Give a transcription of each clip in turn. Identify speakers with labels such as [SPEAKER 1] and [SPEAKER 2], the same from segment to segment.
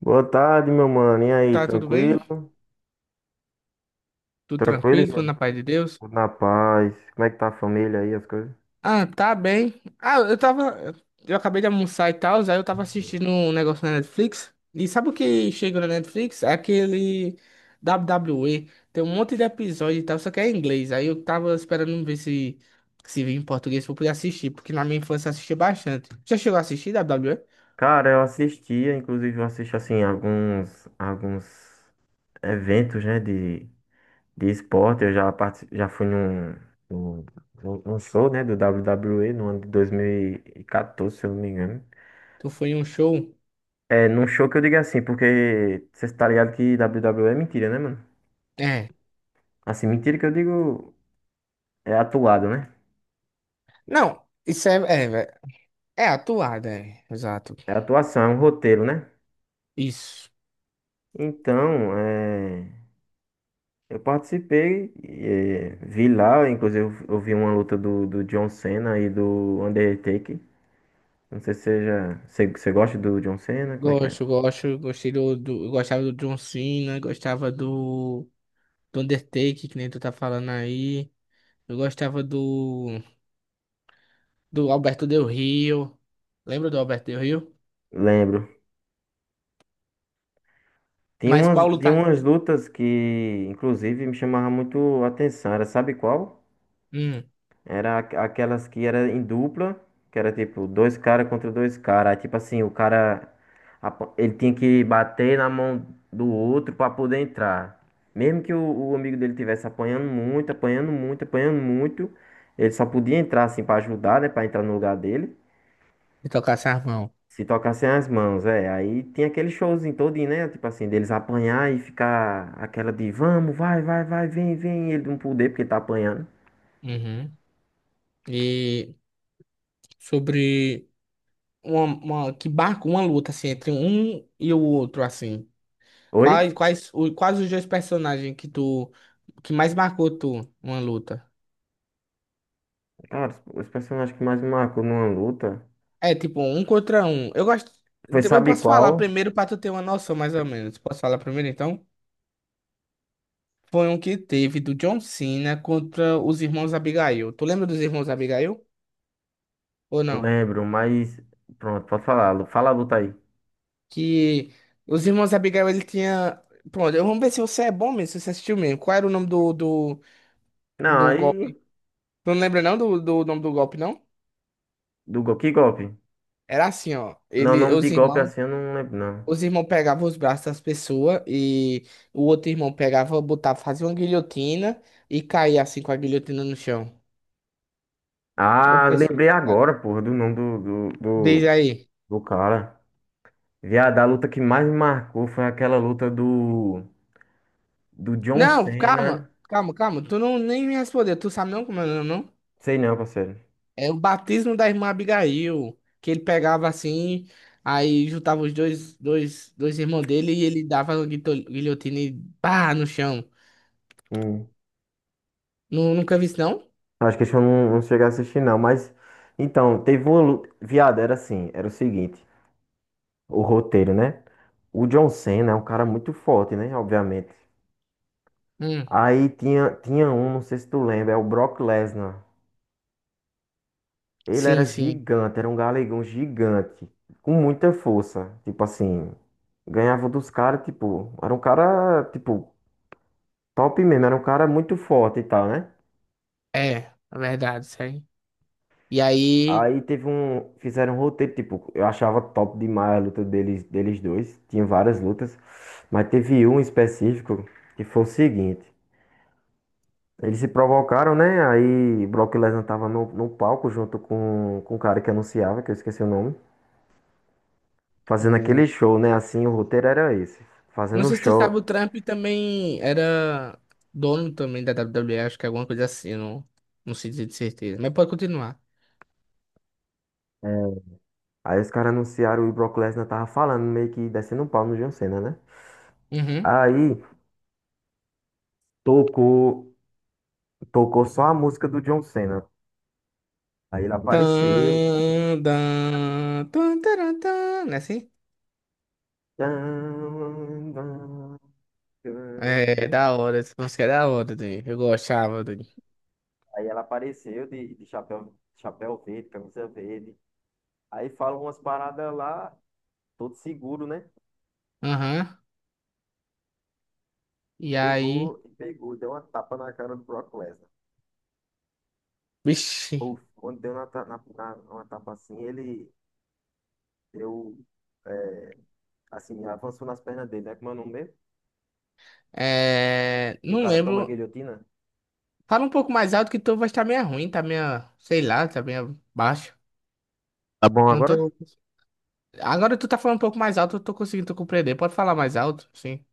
[SPEAKER 1] Boa tarde, meu mano. E aí,
[SPEAKER 2] Tá tudo bem?
[SPEAKER 1] tranquilo?
[SPEAKER 2] Tudo
[SPEAKER 1] Tranquilo,
[SPEAKER 2] tranquilo? Tudo
[SPEAKER 1] irmão?
[SPEAKER 2] na paz de Deus?
[SPEAKER 1] Tudo na paz. Como é que tá a família aí, as coisas?
[SPEAKER 2] Ah, tá bem. Ah, eu tava. Eu acabei de almoçar e tal, aí eu tava assistindo um negócio na Netflix. E sabe o que chega na Netflix? É aquele WWE. Tem um monte de episódio e tal, só que é em inglês. Aí eu tava esperando ver se vinha em português pra eu poder assistir, porque na minha infância eu assistia bastante. Já chegou a assistir WWE?
[SPEAKER 1] Cara, eu assistia, inclusive eu assisto assim alguns eventos, né, de esporte. Já fui num, num show, né, do WWE no ano de 2014, se eu não me engano.
[SPEAKER 2] Tu foi em um show?
[SPEAKER 1] É, num show que eu digo assim, porque você tá ligado que WWE é mentira, né, mano?
[SPEAKER 2] É.
[SPEAKER 1] Assim, mentira que eu digo é atuado, né?
[SPEAKER 2] Não, isso é. É, é atuada, é. Exato.
[SPEAKER 1] É atuação, é um roteiro, né?
[SPEAKER 2] Isso.
[SPEAKER 1] Então, é, eu participei, é, vi lá, inclusive eu vi uma luta do John Cena e do Undertaker. Não sei se você já, você gosta do John Cena, como é que é?
[SPEAKER 2] Gosto, gosto, eu gostava do John Cena, do Undertaker, que nem tu tá falando aí. Eu gostava do, do Alberto Del Rio. Lembra do Alberto Del Rio?
[SPEAKER 1] Lembro.
[SPEAKER 2] Mas qual
[SPEAKER 1] Tinha
[SPEAKER 2] lutar?
[SPEAKER 1] umas lutas que, inclusive, me chamavam muito a atenção. Era, sabe qual?
[SPEAKER 2] Hum,
[SPEAKER 1] Aquelas que era em dupla, que era tipo dois caras contra dois caras. Aí, tipo assim, o cara ele tinha que bater na mão do outro pra poder entrar. Mesmo que o amigo dele tivesse apanhando muito, apanhando muito, apanhando muito, ele só podia entrar assim pra ajudar, né, pra entrar no lugar dele.
[SPEAKER 2] de tocar sarmão.
[SPEAKER 1] Se tocassem as mãos, é. Aí tinha aquele showzinho todinho, né? Tipo assim, deles apanhar e ficar aquela de vamos, vai, vai, vai, vem, vem, e ele não poder porque tá apanhando.
[SPEAKER 2] Uhum. E sobre uma- que barco uma luta assim entre um e o outro assim.
[SPEAKER 1] Oi?
[SPEAKER 2] Quais os dois personagens que tu que mais marcou tu uma luta?
[SPEAKER 1] Cara, os personagens que mais me marcou numa luta
[SPEAKER 2] É tipo um contra um. Eu gosto.
[SPEAKER 1] foi,
[SPEAKER 2] Eu
[SPEAKER 1] sabe
[SPEAKER 2] posso falar
[SPEAKER 1] qual?
[SPEAKER 2] primeiro pra tu ter uma noção, mais ou menos. Posso falar primeiro então? Foi um que teve do John Cena contra os irmãos Abigail. Tu lembra dos irmãos Abigail? Ou
[SPEAKER 1] Eu
[SPEAKER 2] não?
[SPEAKER 1] lembro, mas. Pronto, pode falar. Fala a luta aí.
[SPEAKER 2] Que os irmãos Abigail ele tinha. Pronto, vamos ver se você é bom mesmo, se você assistiu mesmo. Qual era o nome
[SPEAKER 1] Não,
[SPEAKER 2] do
[SPEAKER 1] aí.
[SPEAKER 2] golpe? Tu não lembra não do nome do golpe, não?
[SPEAKER 1] Do gol. Que golpe?
[SPEAKER 2] Era assim, ó.
[SPEAKER 1] Não, o
[SPEAKER 2] Ele,
[SPEAKER 1] nome de
[SPEAKER 2] os
[SPEAKER 1] golpe
[SPEAKER 2] irmãos.
[SPEAKER 1] assim eu não lembro, não.
[SPEAKER 2] Os irmãos pegavam os braços das pessoas e o outro irmão pegava, botava, fazia uma guilhotina e caía assim com a guilhotina no chão. O
[SPEAKER 1] Ah,
[SPEAKER 2] pessoal,
[SPEAKER 1] lembrei
[SPEAKER 2] cara.
[SPEAKER 1] agora, porra, do nome
[SPEAKER 2] Diz aí.
[SPEAKER 1] do cara. Viado, a luta que mais me marcou foi aquela luta do. Do John
[SPEAKER 2] Não, calma,
[SPEAKER 1] Cena.
[SPEAKER 2] calma, calma. Tu não nem me respondeu. Tu sabe não como é o nome, não?
[SPEAKER 1] Sei não, parceiro.
[SPEAKER 2] É o batismo da irmã Abigail, que ele pegava assim, aí juntava os dois, dois irmãos dele e ele dava uma guilhotina e pá no chão.
[SPEAKER 1] Hum.
[SPEAKER 2] Nunca vi isso, não?
[SPEAKER 1] Acho que esse eu não cheguei a assistir, não. Mas. Então, teve uma luta. Viado, era assim. Era o seguinte. O roteiro, né? O John Cena é um cara muito forte, né? Obviamente.
[SPEAKER 2] Hum,
[SPEAKER 1] Aí tinha um, não sei se tu lembra, é o Brock Lesnar. Ele era
[SPEAKER 2] sim, sim.
[SPEAKER 1] gigante, era um galegão gigante, com muita força. Tipo assim, ganhava dos caras, tipo, era um cara, tipo, top mesmo, era um cara muito forte e tal, né?
[SPEAKER 2] É, é verdade, isso aí. E aí.
[SPEAKER 1] Aí teve um, fizeram um roteiro, tipo, eu achava top demais a luta deles, deles dois, tinha várias lutas, mas teve um específico que foi o seguinte. Eles se provocaram, né? Aí Brock Lesnar tava no palco junto com o cara que anunciava, que eu esqueci o nome, fazendo
[SPEAKER 2] O...
[SPEAKER 1] aquele show, né? Assim, o roteiro era esse,
[SPEAKER 2] Não
[SPEAKER 1] fazendo o
[SPEAKER 2] sei se tu sabe,
[SPEAKER 1] show.
[SPEAKER 2] o Trump também era dono também da WWE, acho que é alguma coisa assim, não, não sei dizer de certeza. Mas pode continuar.
[SPEAKER 1] É, aí os caras anunciaram e Brock Lesnar tava falando, meio que descendo um pau no John Cena, né?
[SPEAKER 2] Uhum.
[SPEAKER 1] Aí tocou, tocou só a música do John Cena. Aí ele apareceu.
[SPEAKER 2] Tan, dan, tan, taran, tan, não é assim?
[SPEAKER 1] Tan, tan,
[SPEAKER 2] É, é
[SPEAKER 1] tan.
[SPEAKER 2] da hora, essa música é da hora, Dani. Eu gostava, Dani.
[SPEAKER 1] Aí ela apareceu de chapéu, chapéu verde, camisa verde. Aí fala umas paradas lá. Todo seguro, né?
[SPEAKER 2] Aham. E aí,
[SPEAKER 1] Pegou e pegou, deu uma tapa na cara do Brock Lesnar.
[SPEAKER 2] vixi,
[SPEAKER 1] Puf, quando deu na, ta- na- na- uma tapa assim, ele deu, é, assim, avançou nas pernas dele, né? Como é o nome mesmo? Que o
[SPEAKER 2] não
[SPEAKER 1] cara toma a
[SPEAKER 2] lembro.
[SPEAKER 1] guilhotina.
[SPEAKER 2] Fala um pouco mais alto que tu vai estar meio ruim, tá meio, sei lá, tá meio baixo.
[SPEAKER 1] Tá bom
[SPEAKER 2] Não
[SPEAKER 1] agora?
[SPEAKER 2] tô. Agora tu tá falando um pouco mais alto, eu tô conseguindo compreender. Pode falar mais alto, sim.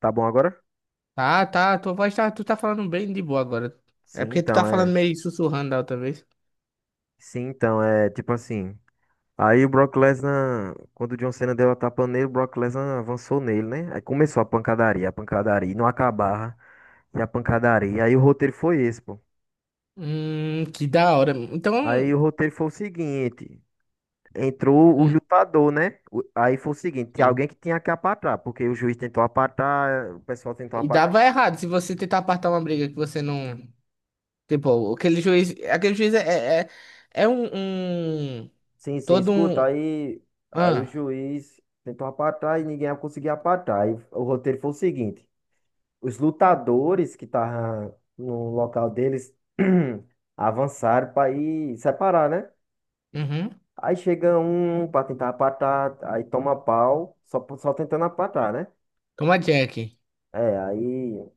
[SPEAKER 1] Tá bom agora?
[SPEAKER 2] Tá, tá, tua voz tá, tu tá falando bem de boa agora. É
[SPEAKER 1] Sim,
[SPEAKER 2] porque tu
[SPEAKER 1] então
[SPEAKER 2] tá falando
[SPEAKER 1] é.
[SPEAKER 2] meio sussurrando da outra vez.
[SPEAKER 1] Sim, então é tipo assim. Aí o Brock Lesnar, quando o John Cena deu a tapa nele, o Brock Lesnar avançou nele, né? Aí começou a pancadaria, e não acabava. E a pancadaria. Aí o roteiro foi esse, pô.
[SPEAKER 2] Que da hora. Então,
[SPEAKER 1] Aí o roteiro foi o seguinte. Entrou os
[SPEAKER 2] hum,
[SPEAKER 1] lutadores, né? Aí foi o seguinte, tinha
[SPEAKER 2] sim.
[SPEAKER 1] alguém que tinha que apatar, porque o juiz tentou apatar, o pessoal tentou
[SPEAKER 2] E
[SPEAKER 1] apatar.
[SPEAKER 2] dava errado se você tentar apartar uma briga que você não. Tipo, aquele juiz é um-
[SPEAKER 1] Sim,
[SPEAKER 2] todo
[SPEAKER 1] Escuta,
[SPEAKER 2] um,
[SPEAKER 1] aí, aí o
[SPEAKER 2] ah,
[SPEAKER 1] juiz tentou apatar e ninguém conseguia apatar. Aí o roteiro foi o seguinte, os lutadores que estavam no local deles avançaram para ir separar, né?
[SPEAKER 2] uhum,
[SPEAKER 1] Aí chega um para tentar apatar, aí toma pau, só tentando apatar, né?
[SPEAKER 2] como a Jack.
[SPEAKER 1] É, aí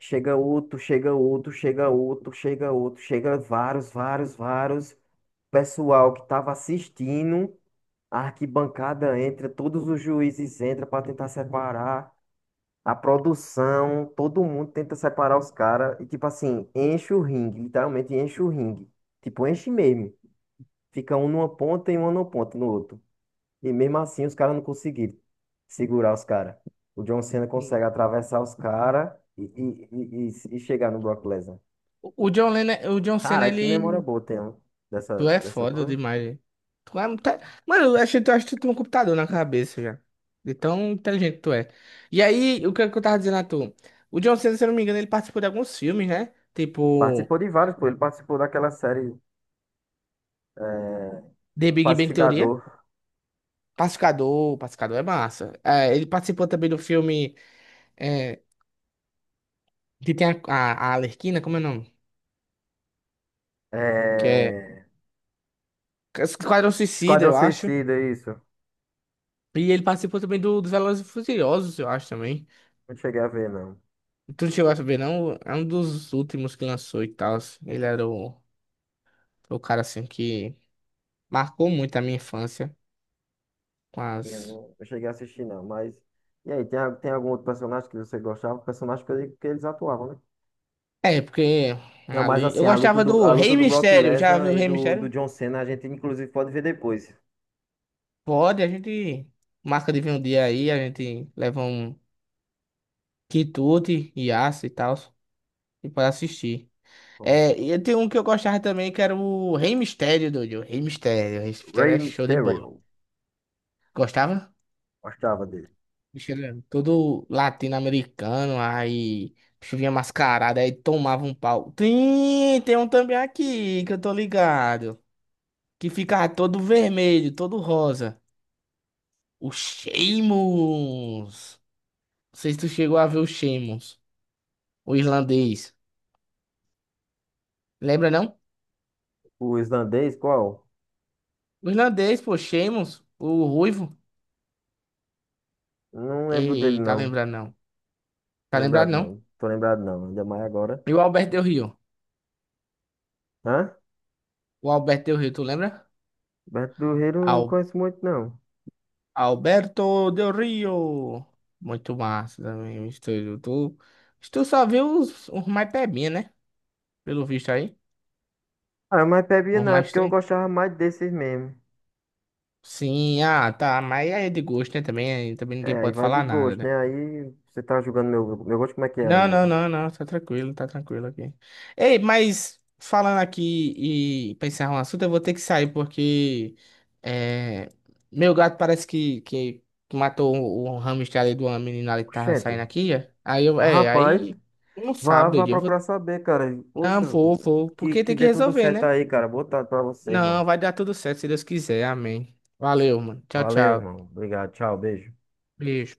[SPEAKER 1] chega outro, chega outro, chega outro, chega outro, chega vários, vários, vários. Pessoal que estava assistindo, a arquibancada entra, todos os juízes entram para tentar separar a produção, todo mundo tenta separar os caras e tipo assim, enche o ringue, literalmente enche o ringue. Tipo, enche mesmo. Fica um numa ponta e um numa ponta no outro. E mesmo assim os caras não conseguiram segurar os caras. O John Cena consegue atravessar os caras e chegar no Brock Lesnar.
[SPEAKER 2] O o John Cena,
[SPEAKER 1] Cara, que
[SPEAKER 2] ele.
[SPEAKER 1] memória boa tem ó,
[SPEAKER 2] Tu é
[SPEAKER 1] dessa
[SPEAKER 2] foda
[SPEAKER 1] coisa.
[SPEAKER 2] demais, hein? Tu é, muito- Mano, eu achei, tu acho que tu tem um computador na cabeça já. De tão inteligente que tu é. E aí, é que eu tava dizendo a tu? O John Cena, se eu não me engano, ele participou de alguns filmes, né? Tipo,
[SPEAKER 1] Participou de vários, pô. Ele participou daquela série
[SPEAKER 2] The Big Bang Theory.
[SPEAKER 1] Pacificador.
[SPEAKER 2] Pacificador, Pacificador é massa. É, ele participou também do filme é, que tem a Arlequina, como é o nome? Que é
[SPEAKER 1] É...
[SPEAKER 2] Esquadrão Suicida,
[SPEAKER 1] Esquadrão
[SPEAKER 2] eu acho.
[SPEAKER 1] Suicida, isso.
[SPEAKER 2] E ele participou também dos Velozes e Furiosos, eu acho também.
[SPEAKER 1] Não cheguei a ver, não.
[SPEAKER 2] Tu não chegou a saber, não? É um dos últimos que lançou e tal. Ele era o cara assim que marcou muito a minha infância.
[SPEAKER 1] Eu
[SPEAKER 2] Mas.
[SPEAKER 1] não cheguei a assistir, não. Mas. E aí, tem algum outro personagem que você gostava? Personagem que, que eles atuavam, né?
[SPEAKER 2] É, porque
[SPEAKER 1] Não, mas
[SPEAKER 2] ali. Eu
[SPEAKER 1] assim,
[SPEAKER 2] gostava do
[SPEAKER 1] a luta
[SPEAKER 2] Rei
[SPEAKER 1] do Brock
[SPEAKER 2] Mistério. Já
[SPEAKER 1] Lesnar
[SPEAKER 2] viu o
[SPEAKER 1] e
[SPEAKER 2] Rei
[SPEAKER 1] do
[SPEAKER 2] Mistério?
[SPEAKER 1] John Cena, a gente inclusive pode ver depois.
[SPEAKER 2] Pode, a gente marca de vir um dia aí, a gente leva um quitute e aço e tal. E para assistir.
[SPEAKER 1] Pronto.
[SPEAKER 2] É, e tem um que eu gostava também, que era o Rei Mistério, doido. Rei Mistério. Rei Mistério
[SPEAKER 1] Rey
[SPEAKER 2] é show de bola.
[SPEAKER 1] Mysterio.
[SPEAKER 2] Gostava?
[SPEAKER 1] Gostava dele.
[SPEAKER 2] Bicho era todo latino-americano, aí o bicho vinha mascarado, aí tomava um pau. Tem, tem um também aqui que eu tô ligado, que ficava todo vermelho, todo rosa. O Sheamus. Não sei se tu chegou a ver o Sheamus, o irlandês. Lembra não?
[SPEAKER 1] O islandês, qual?
[SPEAKER 2] O irlandês, pô, Sheamus, o ruivo.
[SPEAKER 1] Não lembro dele,
[SPEAKER 2] Ei, tá
[SPEAKER 1] não.
[SPEAKER 2] lembrado não.
[SPEAKER 1] Tô
[SPEAKER 2] Tá lembrado
[SPEAKER 1] lembrado
[SPEAKER 2] não?
[SPEAKER 1] não. Tô lembrado não. Ainda mais agora.
[SPEAKER 2] E o Alberto Del Rio.
[SPEAKER 1] Hã?
[SPEAKER 2] O Alberto Del Rio, tu lembra?
[SPEAKER 1] Beto do Rio não conheço muito não.
[SPEAKER 2] Alberto Del Rio. Muito massa também o estúdio. Tu, tu só viu os mais pebinha, né? Pelo visto aí.
[SPEAKER 1] Ah, mas bebia
[SPEAKER 2] Os
[SPEAKER 1] não. É
[SPEAKER 2] mais
[SPEAKER 1] porque eu
[SPEAKER 2] tem.
[SPEAKER 1] gostava mais desses mesmo.
[SPEAKER 2] Sim, ah, tá. Mas aí é de gosto, né? Também, também
[SPEAKER 1] É,
[SPEAKER 2] ninguém
[SPEAKER 1] aí
[SPEAKER 2] pode
[SPEAKER 1] vai de
[SPEAKER 2] falar nada,
[SPEAKER 1] gosto,
[SPEAKER 2] né?
[SPEAKER 1] né? Aí você tá julgando meu gosto, como é que é aí,
[SPEAKER 2] Não, não,
[SPEAKER 1] Ilka?
[SPEAKER 2] não, não, tá tranquilo aqui. Ei, mas falando aqui e pra encerrar um assunto, eu vou ter que sair porque é, meu gato parece que matou o hamster ali de uma menina ali que tava saindo
[SPEAKER 1] Oxente.
[SPEAKER 2] aqui. É. Aí eu,
[SPEAKER 1] Mas,
[SPEAKER 2] é,
[SPEAKER 1] rapaz,
[SPEAKER 2] aí não
[SPEAKER 1] vá
[SPEAKER 2] sabe, eu vou.
[SPEAKER 1] procurar saber, cara.
[SPEAKER 2] Não,
[SPEAKER 1] Poxa,
[SPEAKER 2] vou, vou, porque
[SPEAKER 1] que
[SPEAKER 2] tem que
[SPEAKER 1] dê tudo
[SPEAKER 2] resolver,
[SPEAKER 1] certo
[SPEAKER 2] né?
[SPEAKER 1] aí, cara. Boa tarde pra você, irmão.
[SPEAKER 2] Não, vai dar tudo certo se Deus quiser, amém. Valeu, mano. Tchau,
[SPEAKER 1] Valeu,
[SPEAKER 2] tchau.
[SPEAKER 1] irmão. Obrigado. Tchau, beijo.
[SPEAKER 2] Beijo.